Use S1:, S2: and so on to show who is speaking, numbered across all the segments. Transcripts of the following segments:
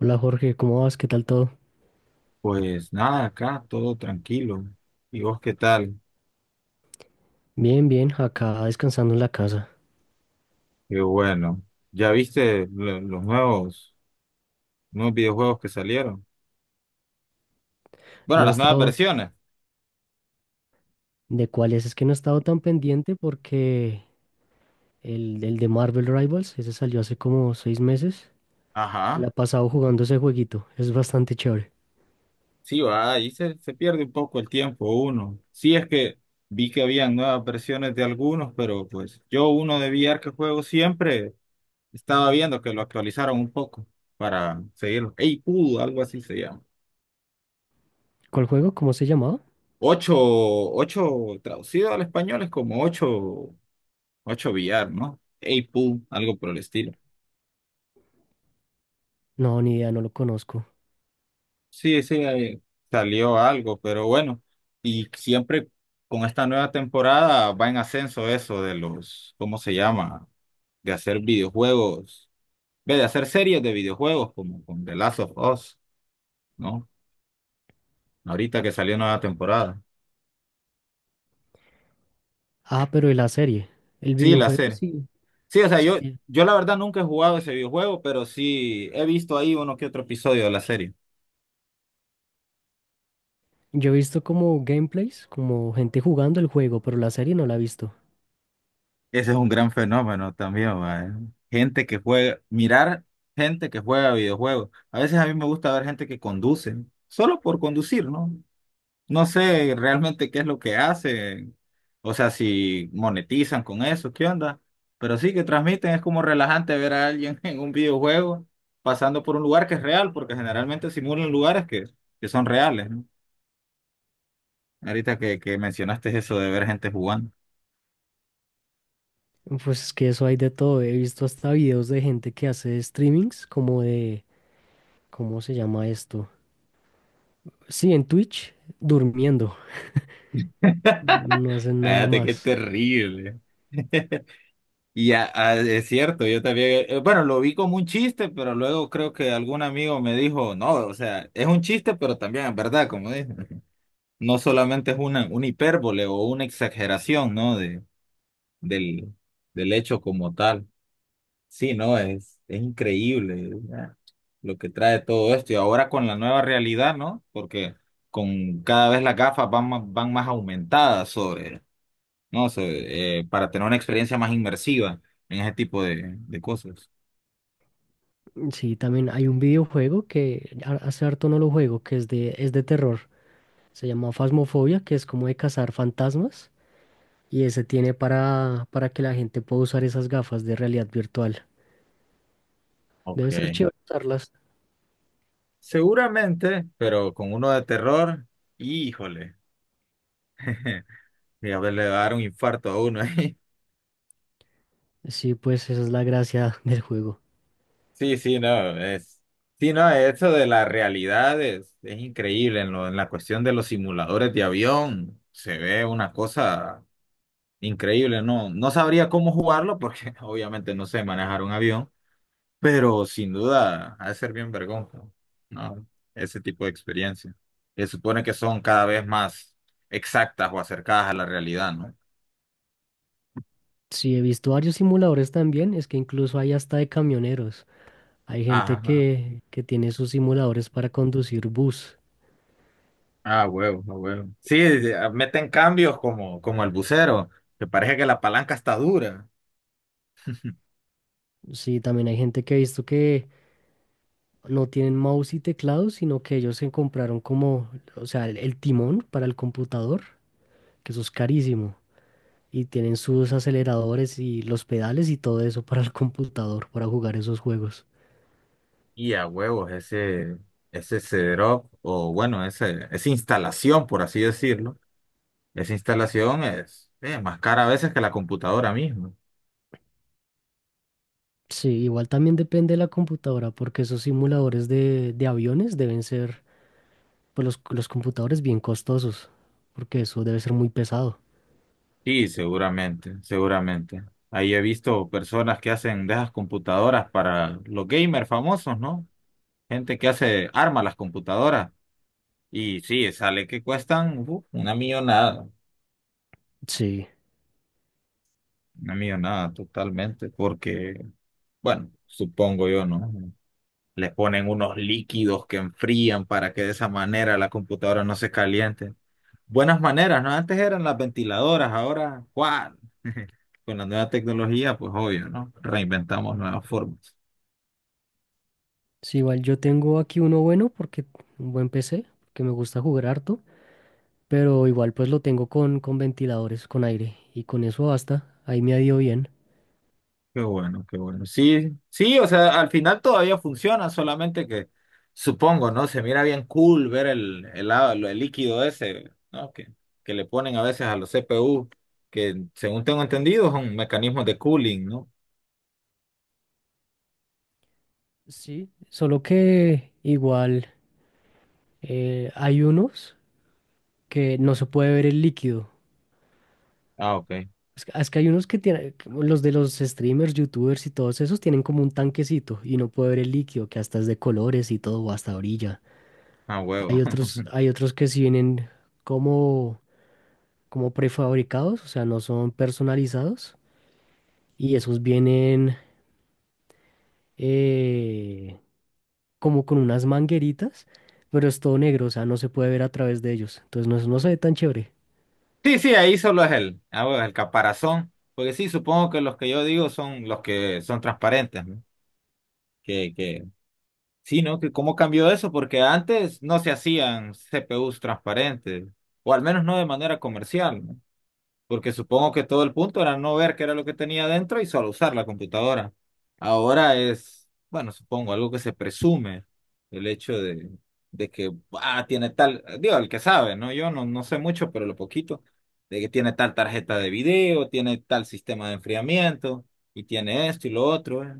S1: Hola Jorge, ¿cómo vas? ¿Qué tal todo?
S2: Pues nada, acá todo tranquilo. ¿Y vos qué tal?
S1: Bien, bien, acá descansando en la casa.
S2: Qué bueno. ¿Ya viste los nuevos videojuegos que salieron? Bueno,
S1: No he
S2: las nuevas
S1: estado
S2: versiones.
S1: de cuáles, es que no he estado tan pendiente porque el de Marvel Rivals, ese salió hace como 6 meses. Me la
S2: Ajá.
S1: he pasado jugando ese jueguito, es bastante chévere.
S2: Sí, va, ahí se pierde un poco el tiempo uno. Sí, es que vi que habían nuevas versiones de algunos, pero pues yo uno de VR que juego siempre estaba viendo que lo actualizaron un poco para seguirlo. Ey, pudo, algo así se llama.
S1: ¿Cuál juego? ¿Cómo se llamaba?
S2: Ocho, ocho traducido al español es como ocho. 8 billar, ¿no? 8 pool, algo por el estilo.
S1: No, ni idea, no lo conozco.
S2: Sí, sí, ahí salió algo, pero bueno, y siempre con esta nueva temporada va en ascenso eso de los, ¿cómo se llama? De hacer videojuegos, ve, de hacer series de videojuegos como con The Last of Us, ¿no? Ahorita que salió nueva temporada.
S1: Ah, pero de la serie, el
S2: Sí, la
S1: videojuego
S2: serie.
S1: sí
S2: Sí, o sea, yo,
S1: salió.
S2: yo la verdad nunca he jugado ese videojuego, pero sí he visto ahí uno que otro episodio de la serie.
S1: Yo he visto como gameplays, como gente jugando el juego, pero la serie no la he visto.
S2: Ese es un gran fenómeno también, mae. Gente que juega, mirar gente que juega videojuegos. A veces a mí me gusta ver gente que conduce, solo por conducir, ¿no? No sé realmente qué es lo que hacen, o sea, si monetizan con eso, ¿qué onda? Pero sí que transmiten, es como relajante ver a alguien en un videojuego pasando por un lugar que es real, porque generalmente simulan lugares que son reales, ¿no? Ahorita que mencionaste eso de ver gente jugando.
S1: Pues es que eso hay de todo. He visto hasta videos de gente que hace streamings como de, ¿cómo se llama esto? Sí, en Twitch, durmiendo. No hacen nada
S2: Fíjate qué
S1: más.
S2: terrible. Y ya, ah, es cierto, yo también, bueno, lo vi como un chiste, pero luego creo que algún amigo me dijo, no, o sea, es un chiste, pero también es verdad, como dije, no solamente es una hipérbole o una exageración, ¿no? Del, del hecho como tal. Sí, no, es increíble, ¿verdad? Lo que trae todo esto. Y ahora con la nueva realidad, ¿no? Porque con cada vez las gafas van más aumentadas sobre, ¿no? Sobre, para tener una experiencia más inmersiva en ese tipo de cosas.
S1: Sí, también hay un videojuego que hace harto no lo juego, que es de, terror. Se llama Phasmophobia, que es como de cazar fantasmas. Y ese tiene para que la gente pueda usar esas gafas de realidad virtual.
S2: Ok.
S1: Debe ser chévere usarlas.
S2: Seguramente, pero con uno de terror, híjole. Fíjate, le va a dar un infarto a uno ahí.
S1: Sí, pues esa es la gracia del juego.
S2: Sí, sí, no, es. Sí, no, eso de la realidad es increíble. En la cuestión de los simuladores de avión, se ve una cosa increíble. No sabría cómo jugarlo porque obviamente no sé manejar un avión. Pero sin duda, ha de ser bien vergón, ¿no? Ese tipo de experiencia. Se supone que son cada vez más exactas o acercadas a la realidad, ¿no?
S1: Sí, he visto varios simuladores también, es que incluso hay hasta de camioneros. Hay gente
S2: Ajá.
S1: que tiene sus simuladores para conducir bus.
S2: Ah, huevo, ah huevo. Sí, meten cambios como, como el bucero, que parece que la palanca está dura.
S1: Sí, también hay gente que he visto que no tienen mouse y teclado, sino que ellos se compraron como, o sea, el timón para el computador, que eso es carísimo. Y tienen sus aceleradores y los pedales y todo eso para el computador, para jugar esos juegos.
S2: Y a huevos, ese setup, o bueno, esa instalación, por así decirlo, esa instalación es más cara a veces que la computadora misma.
S1: Sí, igual también depende de la computadora, porque esos simuladores de, aviones deben ser. Pues los computadores bien costosos, porque eso debe ser muy pesado.
S2: Sí, seguramente, seguramente. Ahí he visto personas que hacen de esas computadoras para los gamers famosos, ¿no? Gente que hace, arma las computadoras. Y sí, sale que cuestan
S1: Sí,
S2: una millonada totalmente, porque, bueno, supongo yo, ¿no? Les ponen unos líquidos que enfrían para que de esa manera la computadora no se caliente. Buenas maneras, ¿no? Antes eran las ventiladoras, ahora, ¿cuál? Con la nueva tecnología, pues obvio, ¿no? Reinventamos nuevas formas.
S1: sí, igual yo tengo aquí uno bueno, porque un buen PC, que me gusta jugar harto, pero igual pues lo tengo con ventiladores, con aire, y con eso basta, ahí me ha ido bien.
S2: Qué bueno, qué bueno. Sí, sí, o sea, al final todavía funciona, solamente que supongo, ¿no? Se mira bien cool ver el líquido ese, ¿no? Que le ponen a veces a los CPU, que según tengo entendido son mecanismos de cooling, ¿no?
S1: Sí, solo que igual hay unos que no se puede ver el líquido.
S2: Ah, ok.
S1: Es que hay unos que tienen, como los de los streamers, youtubers y todos esos tienen como un tanquecito y no puede ver el líquido, que hasta es de colores y todo, o hasta orilla.
S2: Ah, huevo.
S1: Hay otros que sí vienen como, como, prefabricados, o sea, no son personalizados. Y esos vienen eh, como con unas mangueritas, pero es todo negro, o sea, no se puede ver a través de ellos. Entonces no, no se ve tan chévere.
S2: Sí, sí, ahí solo es el, ah, huevo, el caparazón. Porque sí, supongo que los que yo digo son los que son transparentes, ¿no? Que Sí, ¿no? Que cómo cambió eso, porque antes no se hacían CPUs transparentes, o al menos no de manera comercial, ¿no? Porque supongo que todo el punto era no ver qué era lo que tenía dentro y solo usar la computadora. Ahora es, bueno, supongo, algo que se presume, el hecho de que ah, tiene tal, digo, el que sabe, ¿no? Yo no sé mucho, pero lo poquito, de que tiene tal tarjeta de video, tiene tal sistema de enfriamiento, y tiene esto y lo otro. ¿Eh?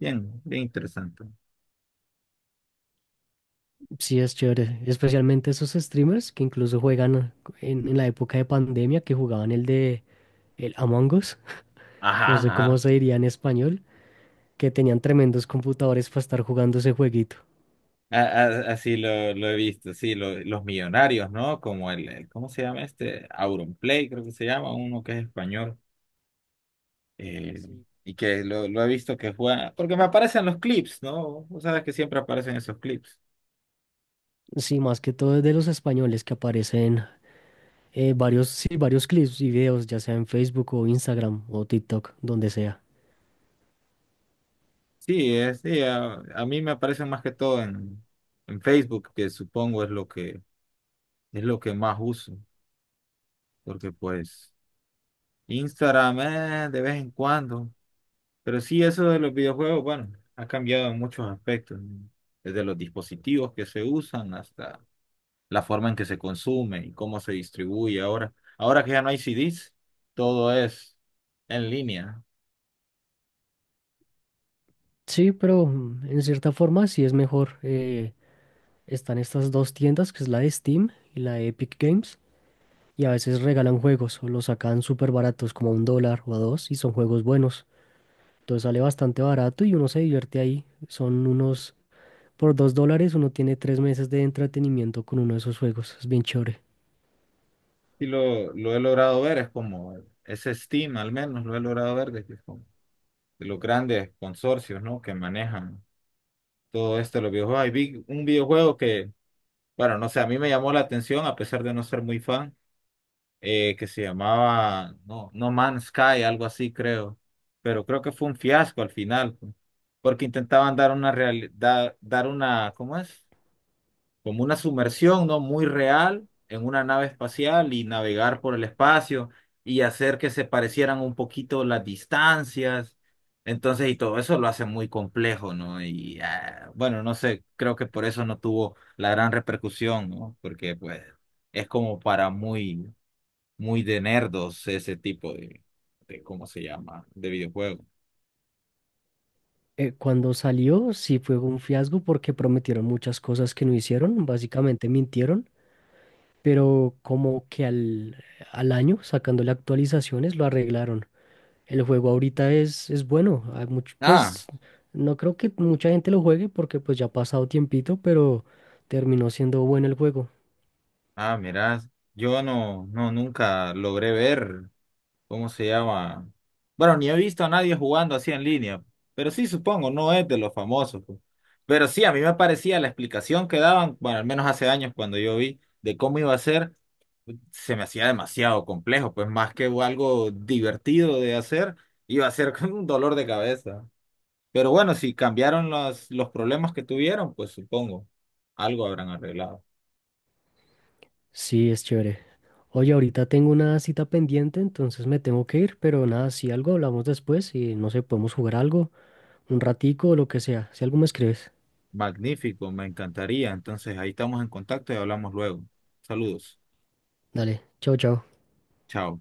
S2: Bien, bien interesante.
S1: Sí, es chévere. Especialmente esos streamers que incluso juegan en la época de pandemia, que jugaban el de el Among Us, no
S2: Ajá,
S1: sé cómo
S2: ajá.
S1: se diría en español, que tenían tremendos computadores para estar jugando ese jueguito.
S2: Así lo he visto, sí, los millonarios, ¿no? Como ¿cómo se llama este? Auronplay, creo que se llama, uno que es español, eh, y que lo he visto que juega, porque me aparecen los clips, ¿no? Vos sabes que siempre aparecen esos clips.
S1: Sí, más que todo es de los españoles que aparecen varios, sí, varios clips y videos, ya sea en Facebook o Instagram o TikTok, donde sea.
S2: Sí, a mí me aparecen más que todo en Facebook, que supongo es lo es lo que más uso, porque pues Instagram, de vez en cuando. Pero sí, eso de los videojuegos, bueno, ha cambiado en muchos aspectos, ¿no? Desde los dispositivos que se usan hasta la forma en que se consume y cómo se distribuye ahora. Ahora que ya no hay CDs, todo es en línea.
S1: Sí, pero en cierta forma sí es mejor. Están estas dos tiendas, que es la de Steam y la de Epic Games, y a veces regalan juegos o los sacan súper baratos, como a $1 o a dos, y son juegos buenos. Entonces sale bastante barato y uno se divierte ahí. Son unos, por $2 uno tiene 3 meses de entretenimiento con uno de esos juegos. Es bien chévere.
S2: Lo he logrado ver, es como ese Steam, al menos lo he logrado ver de, que es como de los grandes consorcios, ¿no? Que manejan todo esto de los videojuegos. Y vi un videojuego que, bueno, no sé, a mí me llamó la atención a pesar de no ser muy fan que se llamaba no, No Man's Sky, algo así creo, pero creo que fue un fiasco al final, pues, porque intentaban dar una realidad, dar una, ¿cómo es? Como una sumersión, ¿no? Muy real en una nave espacial y navegar por el espacio y hacer que se parecieran un poquito las distancias. Entonces, y todo eso lo hace muy complejo, ¿no? Y ah, bueno, no sé, creo que por eso no tuvo la gran repercusión, ¿no? Porque pues es como para muy de nerdos ese tipo de ¿cómo se llama? De videojuego.
S1: Cuando salió, sí fue un fiasco porque prometieron muchas cosas que no hicieron, básicamente mintieron, pero como que al, año, sacándole actualizaciones, lo arreglaron. El juego ahorita es bueno, hay
S2: Ah,
S1: pues no creo que mucha gente lo juegue porque pues ya ha pasado tiempito, pero terminó siendo bueno el juego.
S2: ah, mirá, yo nunca logré ver cómo se llama. Bueno, ni he visto a nadie jugando así en línea, pero sí supongo, no es de los famosos. Pues. Pero sí, a mí me parecía la explicación que daban, bueno, al menos hace años cuando yo vi de cómo iba a ser, se me hacía demasiado complejo, pues más que algo divertido de hacer, iba a ser como un dolor de cabeza. Pero bueno, si cambiaron los problemas que tuvieron, pues supongo, algo habrán arreglado.
S1: Sí, es chévere. Oye, ahorita tengo una cita pendiente, entonces me tengo que ir, pero nada, si algo hablamos después y no sé, podemos jugar algo, un ratico o lo que sea, si algo me escribes.
S2: Magnífico, me encantaría. Entonces, ahí estamos en contacto y hablamos luego. Saludos.
S1: Dale, chau, chau.
S2: Chao.